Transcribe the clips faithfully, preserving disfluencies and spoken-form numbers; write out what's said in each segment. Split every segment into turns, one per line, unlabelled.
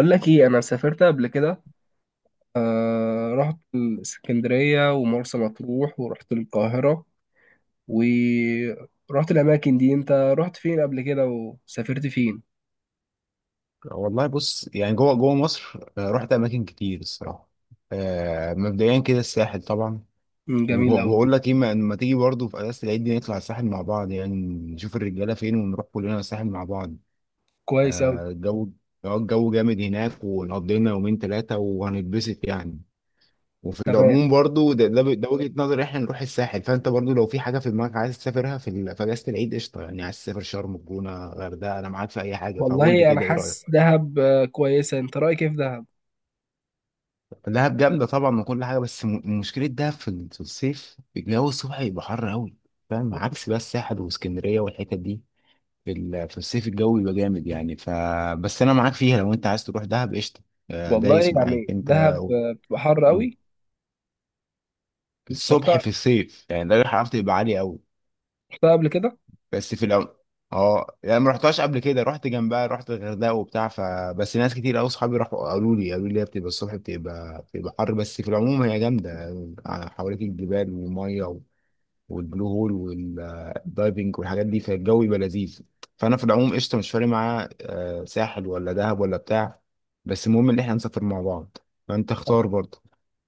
أقول لك إيه، أنا سافرت قبل كده. آه رحت الإسكندرية ومرسى مطروح ورحت القاهرة ورحت الأماكن دي. أنت رحت فين قبل كده وسافرت فين؟
والله بص، يعني جوه جوه مصر، آه، رحت اماكن كتير الصراحه. آه، مبدئيا كده الساحل طبعا.
مم، جميل أوي.
وبقول لك ايه، ما ما تيجي برضه في اجازه العيد دي نطلع الساحل مع بعض يعني. نشوف الرجاله فين ونروح كلنا الساحل مع بعض.
كويس أوي.
آه، الجو آه، الجو جامد هناك، ونقضي لنا يومين ثلاثه وهنتبسط يعني. وفي
تمام.
العموم برضه ده ده, ده وجهه نظري احنا نروح الساحل، فانت برضه لو في حاجه في دماغك عايز تسافرها في ال- في اجازه العيد قشطه، يعني عايز تسافر شرم، الجونه، غردقه، انا معاك في اي حاجه، فقول لي
والله أنا
كده ايه
حاسس
رايك.
دهب آه، كويسة. أنت رأيك إيه في دهب؟
دهب جامدة طبعا وكل حاجة، بس م- مشكلة دهب في ال- في الصيف الجو الصبح يبقى حر أوي. فاهم؟ عكس بقى الساحل واسكندرية والحتت دي، في ال- في الصيف الجو يبقى جامد يعني. ف بس أنا معاك فيها، لو أنت عايز تروح دهب قشطة. آه،
والله
دايس معاك
يعني
أنت.
دهب
و-
آه، بتبقى حر أوي. أنت
الصبح
رحتها،
في الصيف، يعني ده الحرارة تبقى عالية أوي.
رحتها قبل كده؟
بس في العم، اه يعني ما رحتهاش قبل كده، رحت جنبها، رحت الغردقه وبتاع. ف بس ناس كتير قوي صحابي راحوا قالوا لي قالوا لي هي بتبقى الصبح بتبقى بتبقى حر، بس في العموم هي جامده يعني. حواليك الجبال والميه و- والبلو هول والدايفنج والحاجات دي، فالجو يبقى لذيذ. فانا في العموم قشطه، مش فارق معايا، آه، ساحل ولا دهب ولا بتاع، بس المهم ان احنا نسافر مع بعض. فانت اختار برضه.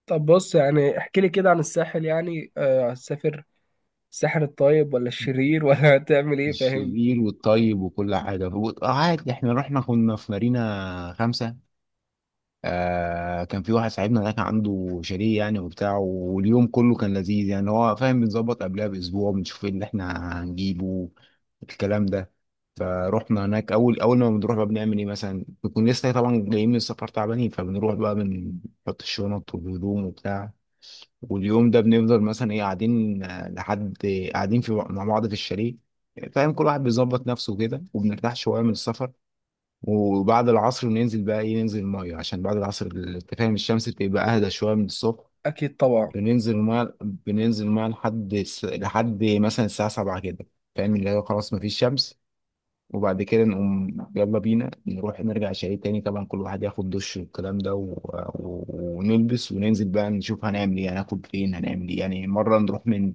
طب بص، يعني احكي لي كده عن الساحل، يعني آه، هتسافر الساحل الطيب ولا الشرير ولا هتعمل إيه، فاهم؟
الشرير والطيب وكل حاجه. آه، عادي، احنا رحنا كنا في مارينا خمسة. آه، كان في واحد صاحبنا ده كان عنده شاليه يعني وبتاع، واليوم كله كان لذيذ يعني. هو فاهم، بنظبط قبلها باسبوع بنشوف ايه اللي احنا هنجيبه الكلام ده. فروحنا هناك، اول اول ما بنروح بقى بنعمل ايه مثلا، بنكون لسه طبعا جايين من السفر تعبانين، فبنروح بقى بنحط الشنط والهدوم وبتاع. واليوم ده بنفضل مثلا ايه، قاعدين، آه، لحد، قاعدين في مع بعض في الشاليه. فاهم، كل واحد بيظبط نفسه كده وبنرتاح شويه من السفر. وبعد العصر ننزل بقى ايه، ننزل الميه، عشان بعد العصر انت فاهم الشمس بتبقى اهدى شويه من الصبح.
أكيد طبعا.
بننزل الميه بننزل الميه لحد الس- لحد مثلا الساعه سبعة كده، فاهم اللي هو خلاص مفيش شمس. وبعد كده نقوم يلا بينا نروح نرجع شاليه تاني، طبعا كل واحد ياخد دش والكلام ده، و... و... ونلبس وننزل بقى نشوف هنعمل ايه، هناكل فين، هنعمل ايه يعني. مره نروح من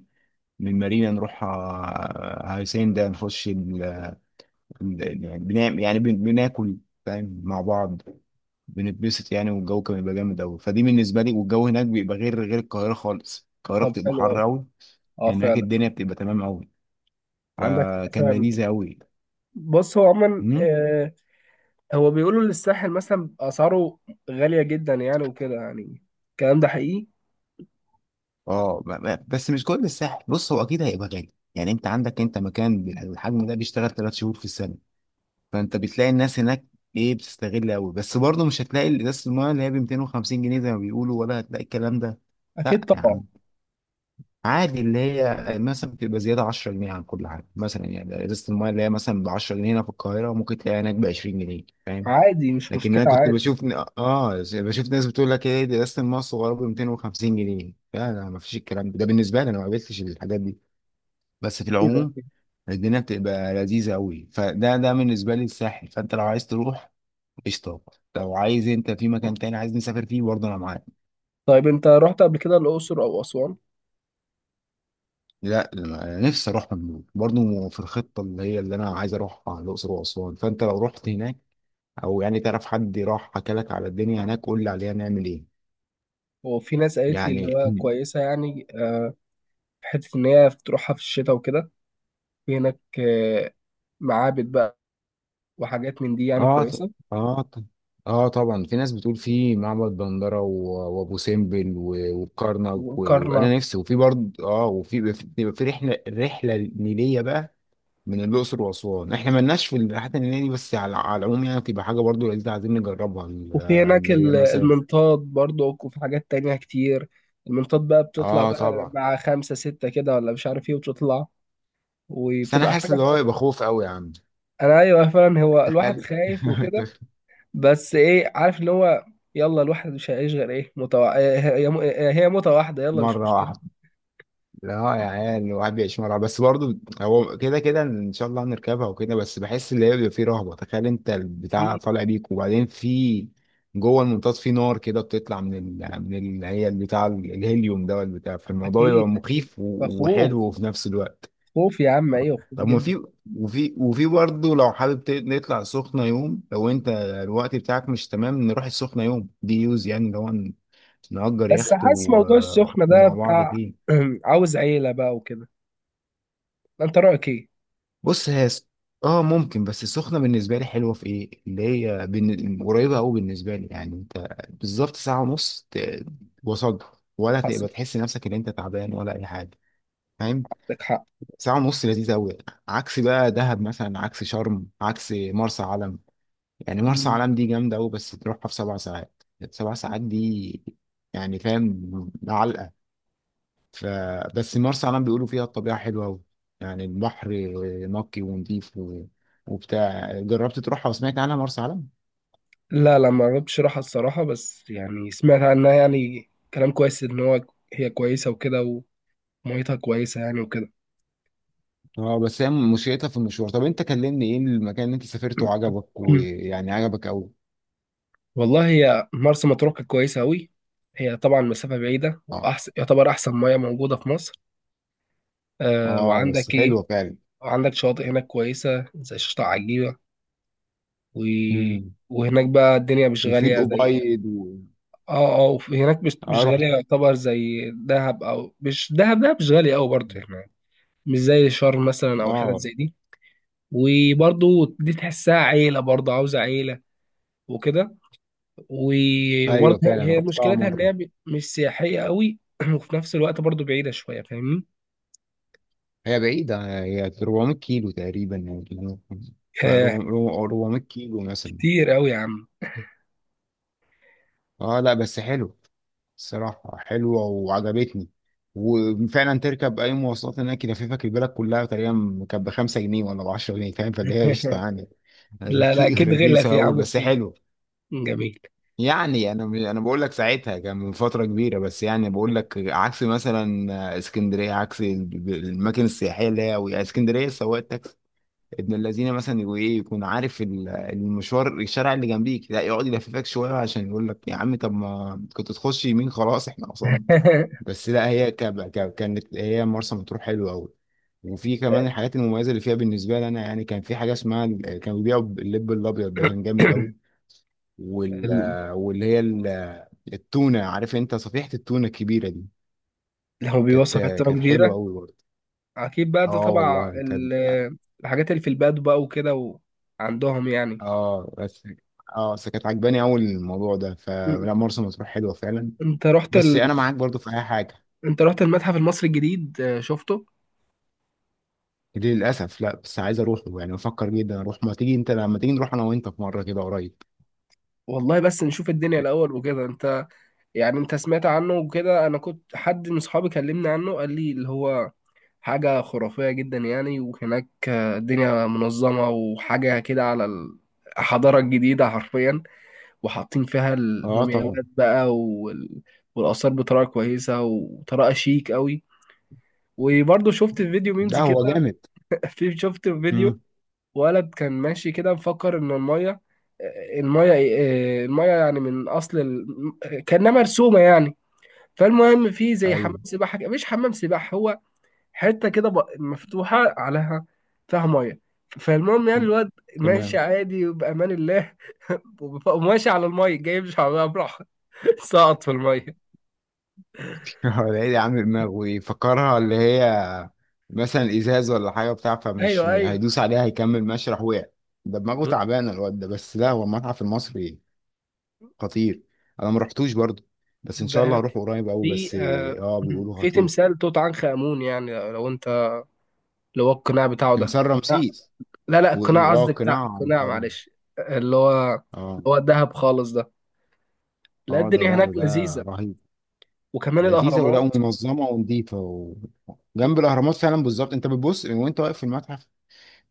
من مارينا، نروح آه، هاي سين ده، نخش ال... ال- يعني بنعمل يعني بن- بناكل فاهم مع بعض، بنتبسط يعني. والجو كان بيبقى جامد قوي، فدي بالنسبه لي، والجو هناك بيبقى غير غير القاهره خالص، القاهره
طب
بتبقى
حلو قوي.
حر قوي.
اه
هناك
فعلا.
الدنيا بتبقى تمام قوي،
عندك
فكان
فعلا.
لذيذه قوي.
بص، هو عموما
امم،
آه هو بيقولوا إن الساحل مثلا اسعاره غاليه جدا يعني، وكده يعني، الكلام ده حقيقي؟
اه ب- ب- بس مش كل الساحل، بص هو اكيد هيبقى غالي يعني. انت عندك انت مكان بال- بالحجم ده بيشتغل ثلاث شهور في السنه، فانت بتلاقي الناس هناك ايه بتستغل قوي، بس برضه مش هتلاقي ازازه الميه اللي هي ب مئتين وخمسين جنيه زي ما بيقولوا، ولا هتلاقي الكلام ده.
اكيد
لا يا
طبعا.
عم، عادي اللي هي آه، مثلا بتبقى زياده عشرة جنيه عن كل حاجه مثلا، يعني ازازه المايه اللي هي مثلا ب عشر جنيهات هنا في القاهره ممكن تلاقيها هناك ب عشرين جنيه فاهم.
عادي، مش
لكن
مشكله،
انا كنت
عادي.
بشوف ن- اه بشوف ناس بتقول لك ايه دي ازازه المايه الصغيره ب مئتين وخمسين جنيه، لا لا، ما فيش الكلام ده، ده بالنسبه لي انا ما قابلتش الحاجات دي. بس في
كده.
العموم الدنيا بتبقى لذيذه قوي، فده ده بالنسبه لي الساحل، فانت لو عايز تروح قشطه، لو عايز انت في مكان تاني عايز نسافر فيه برضه انا معاك.
طيب انت رحت قبل كده الاقصر او اسوان؟
لا أنا نفسي اروح مملوك برضه، في الخطه اللي هي اللي انا عايز اروحها الاقصر واسوان، فانت لو رحت هناك او يعني تعرف حد راح حكى لك على الدنيا هناك قول لي عليها نعمل ايه.
وفي ناس قالت لي اللي
يعني
هو
مم.
كويسه يعني. آه في حته ان هي تروحها في الشتاء وكده. في هناك آه معابد بقى وحاجات من دي يعني
اه ط-
كويسه.
اه ط- اه طبعا، في ناس بتقول في معبد دندره و- وابو سمبل و- وكرنك و-
وكرنك.
وانا نفسي، وفي برضه اه وفي بيبقى في بيبقى في رحله رحله نيليه بقى من الاقصر واسوان، احنا مالناش في الرحلات النيليه دي، بس على على العموم يعني بتبقى حاجه برضه لذيذه عايزين نجربها ال-
وفي
آه،
هناك
اللي هي
ال-
مثلا
المنطاد برضك، وفي حاجات تانية كتير. المنطاد بقى بتطلع
اه
بقى
طبعا.
مع خمسة ستة كده ولا مش عارف ايه وتطلع
بس انا
وبتبقى حاجة
حاسس ان
فعلا.
هو يبقى خوف قوي يا عم،
انا ايوه فعلا، هو الواحد
تخيل
خايف وكده. بس ايه، عارف اللي هو، يلا الواحد مش هيعيش غير ايه متوع... هي هي موتة واحدة، يلا مش
مره
مشكلة.
واحده. لا يا عيال، الواحد بيعيش مره واحدة. بس برضه هو كده كده ان شاء الله هنركبها وكده، بس بحس ان هي بيبقى فيه رهبه، تخيل انت البتاع
اكيد
طالع بيك، وبعدين في جوه المنطاد في نار كده بتطلع من ال... من ال...، هي البتاع الهيليوم ده والبتاع، فالموضوع
اكيد
بيبقى
اكيد.
مخيف و...
فخوف.
وحلو في نفس الوقت.
خوف يا عم، ايوه خوف
طب ما
جدا.
في، وفي وفي برضه لو حابب ت- نطلع سخنة يوم، لو انت الوقت بتاعك مش تمام نروح السخنة يوم دي يوز، يعني اللي هو ن- نأجر
بس
يخت
حاسس
و...
موضوع السخنة ده
ومع بعض
بتاع،
فيه.
عاوز عيلة بقى وكده. انت رأيك ايه؟
بص هي س- اه ممكن، بس السخنة بالنسبة لي حلوة في ايه، اللي هي بن... قريبة قوي بالنسبة لي، يعني انت بالظبط ساعة ونص ت... وصلت، ولا
حصل.
تبقى تحس نفسك ان انت تعبان ولا اي حاجة فاهم.
عندك
ساعة ونص لذيذة قوي، عكس بقى دهب مثلا، عكس شرم، عكس مرسى علم. يعني
حق.
مرسى علم دي جامدة أوي، بس تروحها في سبع ساعات، سبع ساعات دي يعني فاهم علقة. ف بس مرسى علم بيقولوا فيها الطبيعة حلوة أوي، يعني البحر نقي ونضيف و... وبتاع. جربت تروحها وسمعت عنها مرسى علم؟
لا لا، ما جربتش راحة الصراحة، بس يعني سمعت عنها يعني كلام كويس إن هو هي كويسة وكده، وميتها كويسة يعني وكده.
اه بس هي مشكلتها في المشوار، طب انت كلمني ايه المكان اللي انت سافرته وعجبك ويعني عجبك أوي.
والله هي مرسى مطروح كانت كويسة أوي. هي طبعا مسافة بعيدة
اه
وأحسن، يعتبر أحسن مياه موجودة في مصر. أه،
اه بس
وعندك إيه؟
حلوة فعلا.
وعندك شواطئ هناك كويسة زي شاطئ عجيبة، و...
امم،
وهناك بقى الدنيا مش
وفي
غالية زي...
الأبيض و...
اه اه، وفي- هناك مش
اه
مش غالية،
رحت.
يعتبر زي دهب، أو مش دهب، دهب مش غالية أوي برضه يعني، مش زي شرم مثلا أو حتت
اه
زي دي. وبرضه دي تحسها عيلة، برضه عاوزة عيلة وكده. و- وبرضه
ايوه فعلا
هي
رحتها
مشكلتها إن
مرة،
هي م- مش سياحية قوي، وفي نفس الوقت برضه بعيدة شوية، فاهمني؟
هي بعيدة، هي اربعمائة كيلو تقريبا يعني،
آه،
اربعمية كيلو مثلا.
كتير قوي يا عم.
اه لا بس حلو، الصراحة حلوة وعجبتني. وفعلا تركب أي مواصلات هناك يلففك البلد كلها تقريبا، كانت بخمسة جنيه ولا بعشرة جنيه، فاهم، فاللي هي قشطة يعني.
لا لا،
رخي-
أكيد غلت
رخيصة
يا
أوي
عم
بس
في.
حلو.
جميل.
يعني أنا أنا بقول لك ساعتها كان من فترة كبيرة، بس يعني بقول لك عكس مثلا اسكندرية، عكس الب- الأماكن السياحية اللي هي اسكندرية، السواق ابن الذين مثلا يقول ايه، يكون عارف ال- المشوار الشارع اللي جنبيك، لا يقعد يلففك شويه عشان يقول لك يا عم طب ما كنت تخش يمين خلاص احنا وصلنا. بس لا هي ك- ك- كانت هي مرسى مطروح حلوه قوي. وفي كمان الحاجات المميزه اللي فيها بالنسبه لي انا يعني كان في حاجه اسمها ال- كانوا بيبيعوا اللب الابيض ده كان جامد قوي. وال
ال-
واللي هي ال- التونه عارف انت صفيحه التونه الكبيره دي،
لو
كانت
بيوصف حتة
كانت حلوه
كبيرة.
قوي برضه،
أكيد بقى، ده
اه
طبعا
والله
ال-
كانت.
الحاجات اللي في البلد بقى وكده، وعندهم يعني.
اه بس اه بس كانت عجباني اول الموضوع ده.
م-
فلا مرسى مطروح حلوه فعلا،
أنت رحت
بس
ال...
انا معاك برضو في اي حاجه.
أنت رحت المتحف المصري الجديد، آه، شفته؟
دي للاسف لا، بس عايز اروح يعني بفكر جدا اروح، ما تيجي انت لما تيجي نروح انا وانت في مره كده قريب.
والله بس نشوف الدنيا الاول وكده، انت يعني انت سمعت عنه وكده. انا كنت، حد من صحابي كلمني عنه قال لي اللي هو حاجة خرافية جدا يعني. وهناك آه، الدنيا منظمة وحاجة كده على ال- الحضارة الجديدة حرفيا. وحاطين فيها
اه طبعا،
المومياوات بقى وال... والآثار بطريقة كويسة وطريقة شيك قوي. وبرضه شفت فيديو ميمز
لا هو
كده.
جامد،
في شفت فيديو
امم
ولد كان ماشي كده مفكر ان الميه، الميه الميه يعني، من اصل ال... كانها مرسومه يعني. فالمهم في زي حمام
ايوه
سباحه كده- مش حمام سباحه، هو حته كده ب- مفتوحه عليها فيها ميه. فالمهم يعني الواد ماشي
تمام.
عادي وبامان الله، وماشي على الميه جاي مش على براحه. سقط في الميه.
هو العيد عامل دماغ ويفكرها اللي هي مثلا ازاز ولا حاجه بتاع، فمش
ايوه ايوه.
هيدوس عليها هيكمل ماشي، راح وقع. ده دماغه
ب-
تعبانه الواد ده. بس لا هو المتحف المصري خطير، انا ما رحتوش برضه، بس ان شاء الله
ب-
هروح قريب قوي.
في
بس
آه،
اه بيقولوا
في
خطير.
تمثال توت عنخ امون، يعني لو لو انت، لو هو القناع بتاعه ده.
تمثال رمسيس،
لا لا، القناع
واه
قصدي، بتاع
قناع
القناع،
عنقود،
معلش. اللي هو اللي
اه
هو الدهب خالص ده. لا،
اه ده،
الدنيا
لا
هناك
ده ده
لذيذة.
رهيب،
وكمان
لذيذه ولا
الأهرامات
منظمه ونظيفه.
و...
وجنب الاهرامات فعلا بالظبط، انت بتبص وانت واقف في المتحف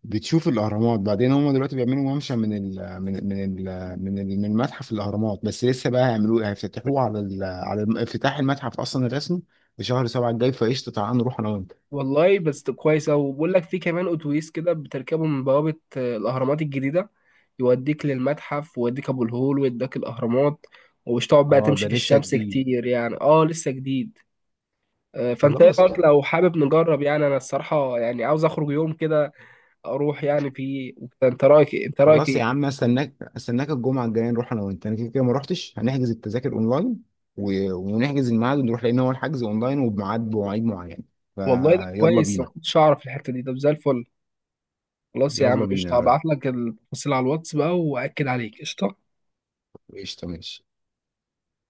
بتشوف الاهرامات. بعدين هم دلوقتي بيعملوا ممشى من ال من ال من ال من, ال من المتحف الاهرامات، بس لسه بقى هيعملوه، هيفتتحوه على ال على الم- افتتاح المتحف اصلا الرسمي في شهر سبعة الجاي، فقشطه تعالى نروح انا وانت.
والله بس كويسة، وبقول لك في كمان أتوبيس كده بتركبه من بوابة آه، الأهرامات الجديدة، يوديك للمتحف، ويوديك أبو الهول، ويوديك الأهرامات، ومش تقعد بقى
اه
تمشي
ده
في
لسه
الشمس
جديد.
كتير يعني. اه لسه جديد. آه، فانت ايه
خلاص.
رايك لو حابب نجرب؟ يعني انا الصراحه يعني عاوز اخرج يوم كده، اروح يعني فيه. انت رايك إيه؟ انت رايك
خلاص يا
ايه؟
عم، استناك استناك الجمعه الجايه نروح انا وانت، انا كده كده ما روحتش، هنحجز التذاكر اونلاين و... ونحجز الميعاد ونروح، لان هو الحجز اونلاين وبميعاد، بمواعيد معينه.
والله ده
فيلا
كويس، ما
بينا.
كنتش اعرف الحته دي، طب زي الفل. خلاص يا عم
يلا بينا يا
قشطه،
راجل.
هبعت لك التفاصيل على الواتس بقى واكد عليك، قشطه.
قشطه ماشي.